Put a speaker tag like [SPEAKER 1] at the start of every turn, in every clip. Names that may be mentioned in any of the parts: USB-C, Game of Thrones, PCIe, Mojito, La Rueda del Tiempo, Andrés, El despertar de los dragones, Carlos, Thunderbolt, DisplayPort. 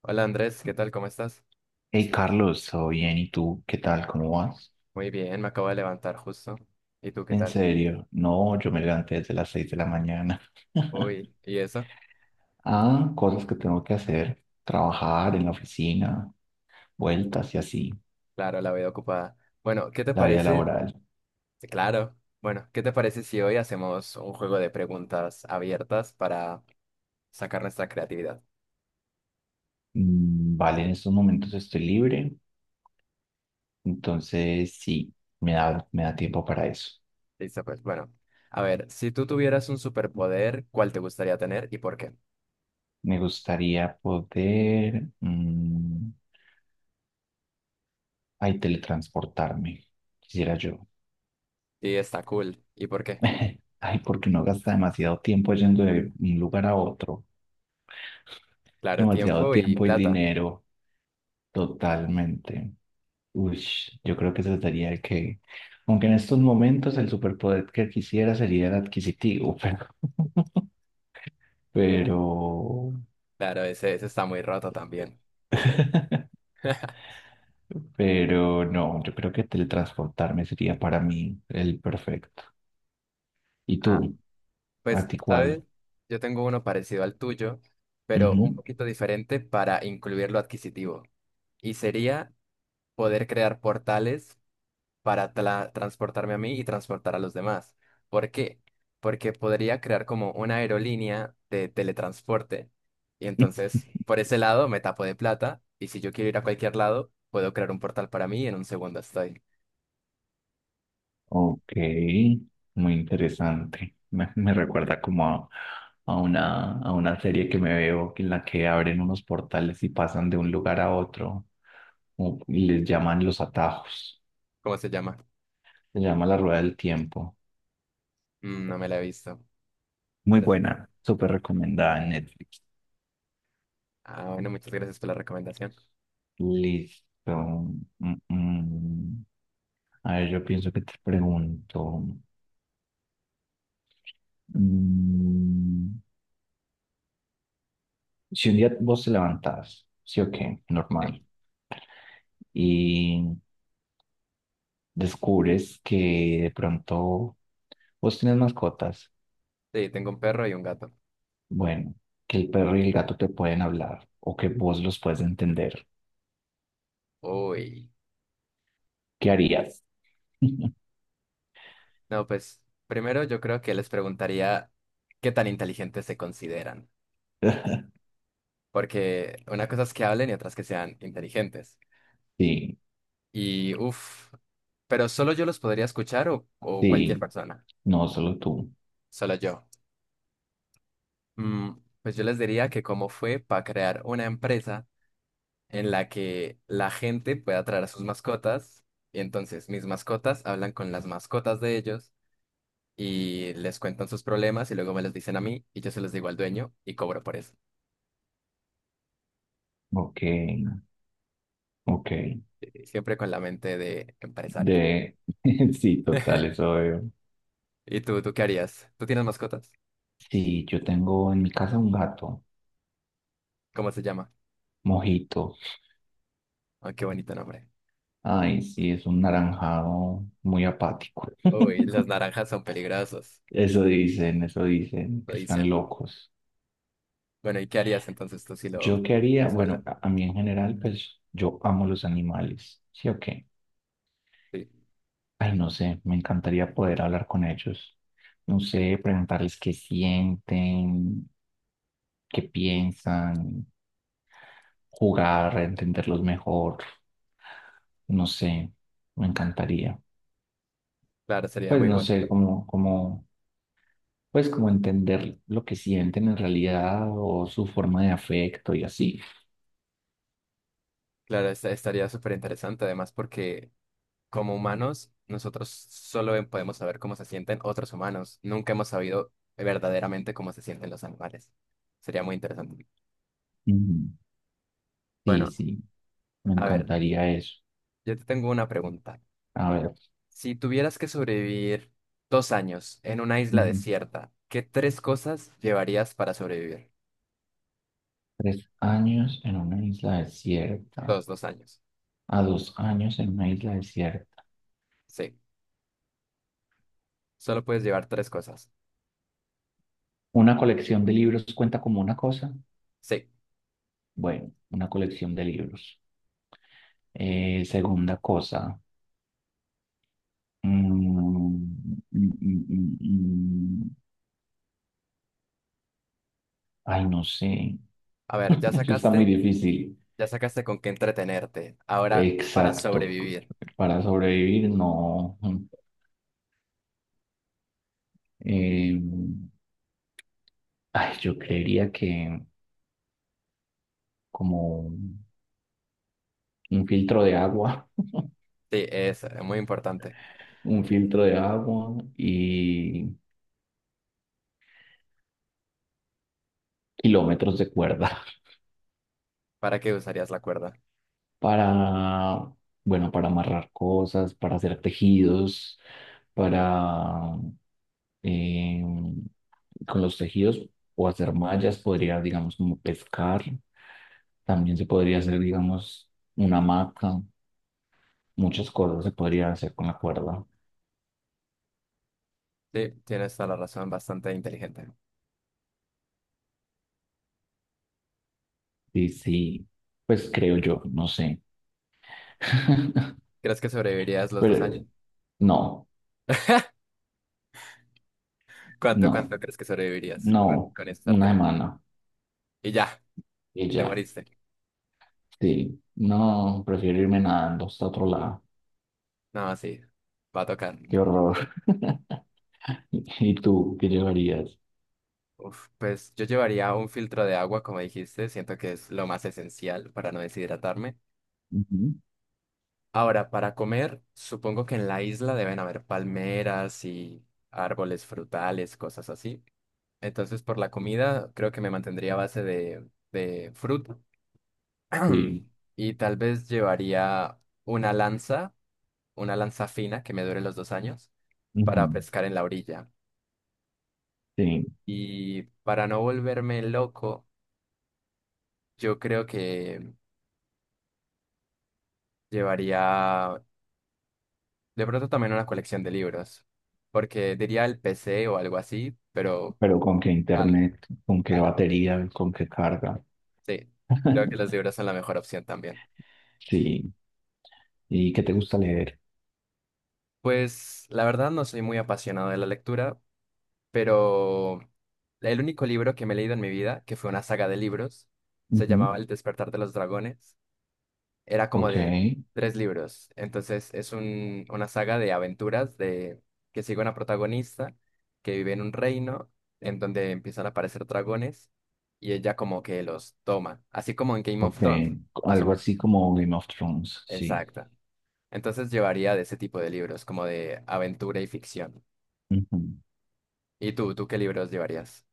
[SPEAKER 1] Hola Andrés, ¿qué tal? ¿Cómo estás?
[SPEAKER 2] Hey Carlos, ¿todo bien? ¿Y tú? ¿Qué tal? ¿Cómo vas?
[SPEAKER 1] Muy bien, me acabo de levantar justo. ¿Y tú qué
[SPEAKER 2] ¿En
[SPEAKER 1] tal?
[SPEAKER 2] serio? No, yo me levanté desde las 6 de la mañana.
[SPEAKER 1] Uy, ¿y eso?
[SPEAKER 2] Ah, cosas que tengo que hacer. Trabajar en la oficina, vueltas y así.
[SPEAKER 1] Claro, la veo ocupada. Bueno, ¿qué te
[SPEAKER 2] La vida
[SPEAKER 1] parece?
[SPEAKER 2] laboral.
[SPEAKER 1] Sí, claro. Bueno, ¿qué te parece si hoy hacemos un juego de preguntas abiertas para sacar nuestra creatividad?
[SPEAKER 2] Mm, vale, en estos momentos estoy libre, entonces sí, me da tiempo para eso.
[SPEAKER 1] Listo, pues bueno. A ver, si tú tuvieras un superpoder, ¿cuál te gustaría tener y por qué?
[SPEAKER 2] Me gustaría poder, ay, teletransportarme, quisiera yo.
[SPEAKER 1] Sí, está cool. ¿Y por qué?
[SPEAKER 2] Ay, porque no gasta demasiado tiempo yendo de un lugar a otro.
[SPEAKER 1] Claro,
[SPEAKER 2] Demasiado
[SPEAKER 1] tiempo y
[SPEAKER 2] tiempo y
[SPEAKER 1] plata.
[SPEAKER 2] dinero, totalmente. Ush, yo creo que trataría de que, aunque en estos momentos el superpoder que quisiera sería el adquisitivo, pero,
[SPEAKER 1] Claro, ese está muy roto también.
[SPEAKER 2] pero no, yo creo que teletransportarme sería para mí el perfecto. ¿Y
[SPEAKER 1] Ah.
[SPEAKER 2] tú?
[SPEAKER 1] Pues,
[SPEAKER 2] ¿A ti
[SPEAKER 1] ¿sabes?
[SPEAKER 2] cuál?
[SPEAKER 1] Yo tengo uno parecido al tuyo, pero un
[SPEAKER 2] Ujú.
[SPEAKER 1] poquito diferente para incluir lo adquisitivo. Y sería poder crear portales para transportarme a mí y transportar a los demás. ¿Por qué? Porque podría crear como una aerolínea de teletransporte. Y entonces, por ese lado, me tapo de plata. Y si yo quiero ir a cualquier lado, puedo crear un portal para mí y en un segundo estoy.
[SPEAKER 2] Ok, muy interesante. Me recuerda como a una serie que me veo en la que abren unos portales y pasan de un lugar a otro y les llaman los atajos.
[SPEAKER 1] ¿Cómo se llama?
[SPEAKER 2] Se llama La Rueda del Tiempo.
[SPEAKER 1] Mm, no me la he visto.
[SPEAKER 2] Muy
[SPEAKER 1] Pero es-
[SPEAKER 2] buena, súper recomendada en Netflix.
[SPEAKER 1] Ah, bueno, muchas gracias por la recomendación.
[SPEAKER 2] Listo. Mm, mm. A ver, yo pienso que te pregunto. Mm, si un día vos te levantás, sí o qué,
[SPEAKER 1] Sí.
[SPEAKER 2] normal, y descubres que de pronto vos tienes mascotas,
[SPEAKER 1] Sí, tengo un perro y un gato.
[SPEAKER 2] bueno, que el perro y el gato te pueden hablar o que vos los puedes entender,
[SPEAKER 1] Uy.
[SPEAKER 2] ¿qué harías?
[SPEAKER 1] No, pues primero yo creo que les preguntaría qué tan inteligentes se consideran. Porque una cosa es que hablen y otras que sean inteligentes.
[SPEAKER 2] Sí,
[SPEAKER 1] Y uff, pero solo yo los podría escuchar o cualquier
[SPEAKER 2] sí,
[SPEAKER 1] persona.
[SPEAKER 2] no solo tú.
[SPEAKER 1] Solo yo. Mm, pues yo les diría que cómo fue para crear una empresa en la que la gente pueda traer a sus mascotas. Y entonces mis mascotas hablan con las mascotas de ellos y les cuentan sus problemas y luego me los dicen a mí y yo se los digo al dueño y cobro por eso.
[SPEAKER 2] Ok, ok.
[SPEAKER 1] Sí, siempre con la mente de empresario.
[SPEAKER 2] De... Sí, total, eso veo.
[SPEAKER 1] ¿Y tú, qué harías? ¿Tú tienes mascotas?
[SPEAKER 2] Sí, yo tengo en mi casa un gato,
[SPEAKER 1] ¿Cómo se llama?
[SPEAKER 2] Mojito.
[SPEAKER 1] Ah, qué bonito nombre.
[SPEAKER 2] Ay, sí, es un naranjado muy apático.
[SPEAKER 1] Uy, las naranjas son peligrosos,
[SPEAKER 2] Eso dicen,
[SPEAKER 1] lo
[SPEAKER 2] que están
[SPEAKER 1] dicen.
[SPEAKER 2] locos.
[SPEAKER 1] Bueno, ¿y qué harías entonces tú si lo
[SPEAKER 2] ¿Yo qué haría?
[SPEAKER 1] ves
[SPEAKER 2] Bueno,
[SPEAKER 1] hablar?
[SPEAKER 2] a mí en general, pues yo amo los animales, ¿sí o qué?
[SPEAKER 1] Sí,
[SPEAKER 2] Ay, no sé, me encantaría poder hablar con ellos. No sé, preguntarles qué sienten, qué piensan, jugar, entenderlos mejor. No sé, me encantaría.
[SPEAKER 1] claro, sería
[SPEAKER 2] Pues
[SPEAKER 1] muy
[SPEAKER 2] no sé,
[SPEAKER 1] bonito.
[SPEAKER 2] como entender lo que sienten en realidad o su forma de afecto y así.
[SPEAKER 1] Claro, estaría súper interesante además porque como humanos, nosotros solo podemos saber cómo se sienten otros humanos. Nunca hemos sabido verdaderamente cómo se sienten los animales. Sería muy interesante.
[SPEAKER 2] Ujú. Sí,
[SPEAKER 1] Bueno,
[SPEAKER 2] sí, me
[SPEAKER 1] a ver,
[SPEAKER 2] encantaría eso.
[SPEAKER 1] yo te tengo una pregunta.
[SPEAKER 2] A ver,
[SPEAKER 1] Si tuvieras que sobrevivir dos años en una isla
[SPEAKER 2] ujú.
[SPEAKER 1] desierta, ¿qué tres cosas llevarías para sobrevivir?
[SPEAKER 2] 3 años en una isla desierta,
[SPEAKER 1] Dos años.
[SPEAKER 2] a 2 años en una isla desierta.
[SPEAKER 1] Sí, solo puedes llevar tres cosas.
[SPEAKER 2] ¿Una colección de libros cuenta como una cosa?
[SPEAKER 1] Sí,
[SPEAKER 2] Bueno, una colección de libros. Segunda cosa. mm, mm, mm, mm, mm. mm, Ay, no sé.
[SPEAKER 1] a ver,
[SPEAKER 2] Eso está muy difícil.
[SPEAKER 1] ya sacaste con qué entretenerte. Ahora, para
[SPEAKER 2] Exacto.
[SPEAKER 1] sobrevivir.
[SPEAKER 2] Para sobrevivir, no. Eh, Ay, yo creería que como un filtro de agua,
[SPEAKER 1] Sí, es muy importante.
[SPEAKER 2] un filtro de agua y kilómetros de cuerda
[SPEAKER 1] ¿Para qué usarías la cuerda?
[SPEAKER 2] para, bueno, para amarrar cosas, para hacer tejidos, para, eh, con los tejidos o hacer mallas, podría, digamos, como pescar. También se podría hacer, digamos, una hamaca. Muchas cosas se podrían hacer con la cuerda.
[SPEAKER 1] Sí, tienes toda la razón, bastante inteligente.
[SPEAKER 2] Sí, sí, pues creo yo, no sé.
[SPEAKER 1] ¿Crees que sobrevivirías los dos
[SPEAKER 2] Pero
[SPEAKER 1] años?
[SPEAKER 2] no,
[SPEAKER 1] ¿Cuánto,
[SPEAKER 2] no,
[SPEAKER 1] cuánto crees que sobrevivirías con,
[SPEAKER 2] no,
[SPEAKER 1] con
[SPEAKER 2] una
[SPEAKER 1] estártelo?
[SPEAKER 2] semana
[SPEAKER 1] Y ya,
[SPEAKER 2] y
[SPEAKER 1] y te
[SPEAKER 2] ya.
[SPEAKER 1] moriste.
[SPEAKER 2] Sí, no, prefiero irme nadando hasta otro lado.
[SPEAKER 1] No, sí, va a tocar.
[SPEAKER 2] Qué horror. ¿Y tú qué llevarías?
[SPEAKER 1] Uf, pues yo llevaría un filtro de agua, como dijiste, siento que es lo más esencial para no deshidratarme.
[SPEAKER 2] Ujú,
[SPEAKER 1] Ahora, para comer, supongo que en la isla deben haber palmeras y árboles frutales, cosas así. Entonces, por la comida, creo que me mantendría a base de fruta.
[SPEAKER 2] sí,
[SPEAKER 1] Y tal vez llevaría una lanza, una lanza fina que me dure los dos años,
[SPEAKER 2] ujú,
[SPEAKER 1] para pescar en la orilla.
[SPEAKER 2] sí,
[SPEAKER 1] Y para no volverme loco, yo creo que llevaría de pronto también una colección de libros, porque diría el PC o algo así, pero...
[SPEAKER 2] pero ¿con qué
[SPEAKER 1] Claro,
[SPEAKER 2] internet? ¿Con qué
[SPEAKER 1] claro.
[SPEAKER 2] batería? ¿Con qué carga?
[SPEAKER 1] Sí, creo que los libros son la mejor opción también.
[SPEAKER 2] Sí, ¿y qué te gusta leer?
[SPEAKER 1] Pues la verdad no soy muy apasionado de la lectura, pero el único libro que me he leído en mi vida, que fue una saga de libros, se
[SPEAKER 2] Ujú,
[SPEAKER 1] llamaba El despertar de los dragones, era como
[SPEAKER 2] ok.
[SPEAKER 1] de tres libros, entonces es una saga de aventuras de que sigue una protagonista que vive en un reino en donde empiezan a aparecer dragones y ella como que los toma, así como en Game of
[SPEAKER 2] Ok,
[SPEAKER 1] Thrones, más o
[SPEAKER 2] algo
[SPEAKER 1] menos.
[SPEAKER 2] así como Game of Thrones, sí.
[SPEAKER 1] Exacto. Entonces llevaría de ese tipo de libros, como de aventura y ficción.
[SPEAKER 2] Ujú.
[SPEAKER 1] ¿Y tú, qué libros llevarías?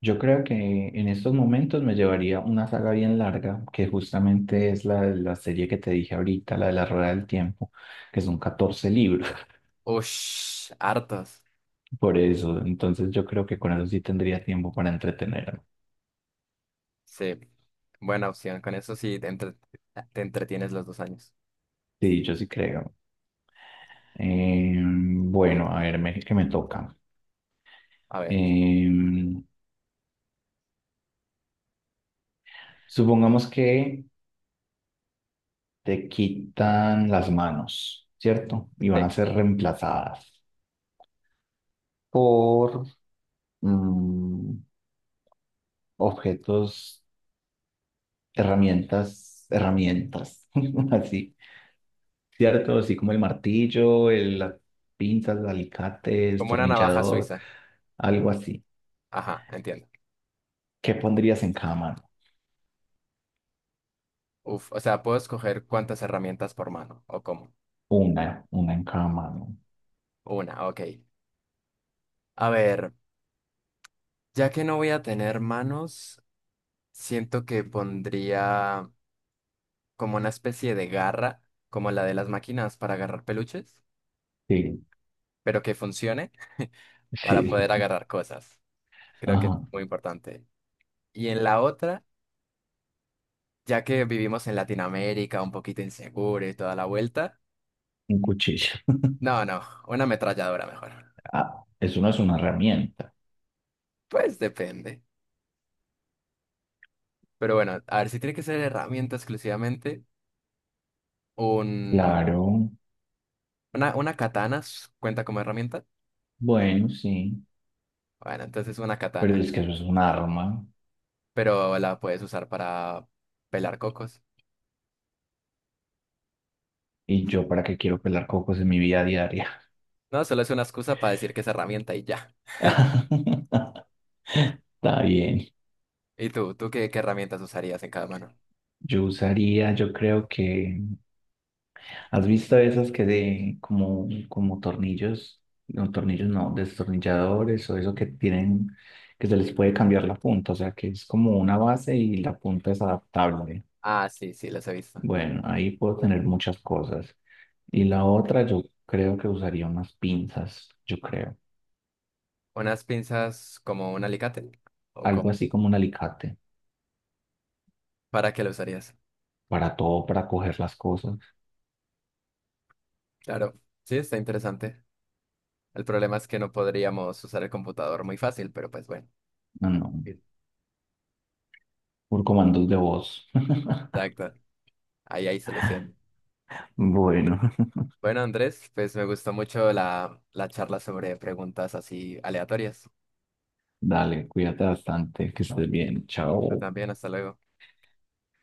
[SPEAKER 2] Yo creo que en estos momentos me llevaría una saga bien larga, que justamente es la serie que te dije ahorita, la de la Rueda del Tiempo, que son 14 libros.
[SPEAKER 1] Ush, hartos.
[SPEAKER 2] Por eso, entonces yo creo que con eso sí tendría tiempo para entretenerme.
[SPEAKER 1] Sí, buena opción. Con eso sí te entretienes los dos años.
[SPEAKER 2] Sí, yo sí creo. Bueno, a ver, que me toca.
[SPEAKER 1] A ver,
[SPEAKER 2] Em, Supongamos que te quitan las manos, ¿cierto? Y van a
[SPEAKER 1] sí.
[SPEAKER 2] ser reemplazadas por mm, objetos, herramientas, así, ¿cierto? Así como el martillo, el, las pinzas, el alicate, el
[SPEAKER 1] Como una navaja
[SPEAKER 2] tornillador,
[SPEAKER 1] suiza.
[SPEAKER 2] algo así.
[SPEAKER 1] Ajá, entiendo.
[SPEAKER 2] ¿Qué pondrías en cada mano?
[SPEAKER 1] Uf, o sea, puedo escoger cuántas herramientas por mano o cómo.
[SPEAKER 2] Una en cada mano.
[SPEAKER 1] Una, ok. A ver, ya que no voy a tener manos, siento que pondría como una especie de garra, como la de las máquinas para agarrar peluches,
[SPEAKER 2] Sí,
[SPEAKER 1] pero que funcione para
[SPEAKER 2] sí.
[SPEAKER 1] poder agarrar cosas. Creo que es
[SPEAKER 2] Ajá,
[SPEAKER 1] muy importante. Y en la otra... ya que vivimos en Latinoamérica, un poquito inseguro y toda la vuelta.
[SPEAKER 2] un cuchillo.
[SPEAKER 1] No, no, una ametralladora mejor.
[SPEAKER 2] Ah, eso no es una herramienta.
[SPEAKER 1] Pues depende. Pero bueno, a ver si tiene que ser herramienta exclusivamente, un,
[SPEAKER 2] Claro,
[SPEAKER 1] una katana cuenta como herramienta.
[SPEAKER 2] bueno, sí,
[SPEAKER 1] Bueno, entonces una
[SPEAKER 2] pero
[SPEAKER 1] katana,
[SPEAKER 2] es que eso es un arma.
[SPEAKER 1] pero la puedes usar para pelar cocos.
[SPEAKER 2] ¿Y yo para qué quiero pelar cocos en mi vida diaria?
[SPEAKER 1] No, solo es una excusa para decir que es herramienta y ya.
[SPEAKER 2] Está bien.
[SPEAKER 1] ¿Y tú? ¿Tú qué, herramientas usarías en cada mano?
[SPEAKER 2] Yo usaría, yo creo que... ¿Has visto esas que de como, como tornillos? No, tornillos no, destornilladores o eso que tienen, que se les puede cambiar la punta, o sea que es como una base y la punta es adaptable.
[SPEAKER 1] Ah, sí, sí, las he visto.
[SPEAKER 2] Bueno, ahí puedo tener muchas cosas. Y la otra, yo creo que usaría unas pinzas, yo creo.
[SPEAKER 1] ¿Unas pinzas como un alicate? ¿O
[SPEAKER 2] Algo
[SPEAKER 1] cómo?
[SPEAKER 2] así como un alicate,
[SPEAKER 1] ¿Para qué lo usarías?
[SPEAKER 2] para todo, para coger las cosas.
[SPEAKER 1] Claro, sí, está interesante. El problema es que no podríamos usar el computador muy fácil, pero pues bueno.
[SPEAKER 2] No, no,
[SPEAKER 1] Sí.
[SPEAKER 2] por comandos de voz.
[SPEAKER 1] Exacto. Ahí hay solución.
[SPEAKER 2] Bueno,
[SPEAKER 1] Bueno, Andrés, pues me gustó mucho la charla sobre preguntas así aleatorias.
[SPEAKER 2] dale, cuídate bastante, que estés bien,
[SPEAKER 1] Pero
[SPEAKER 2] chao.
[SPEAKER 1] también, hasta luego.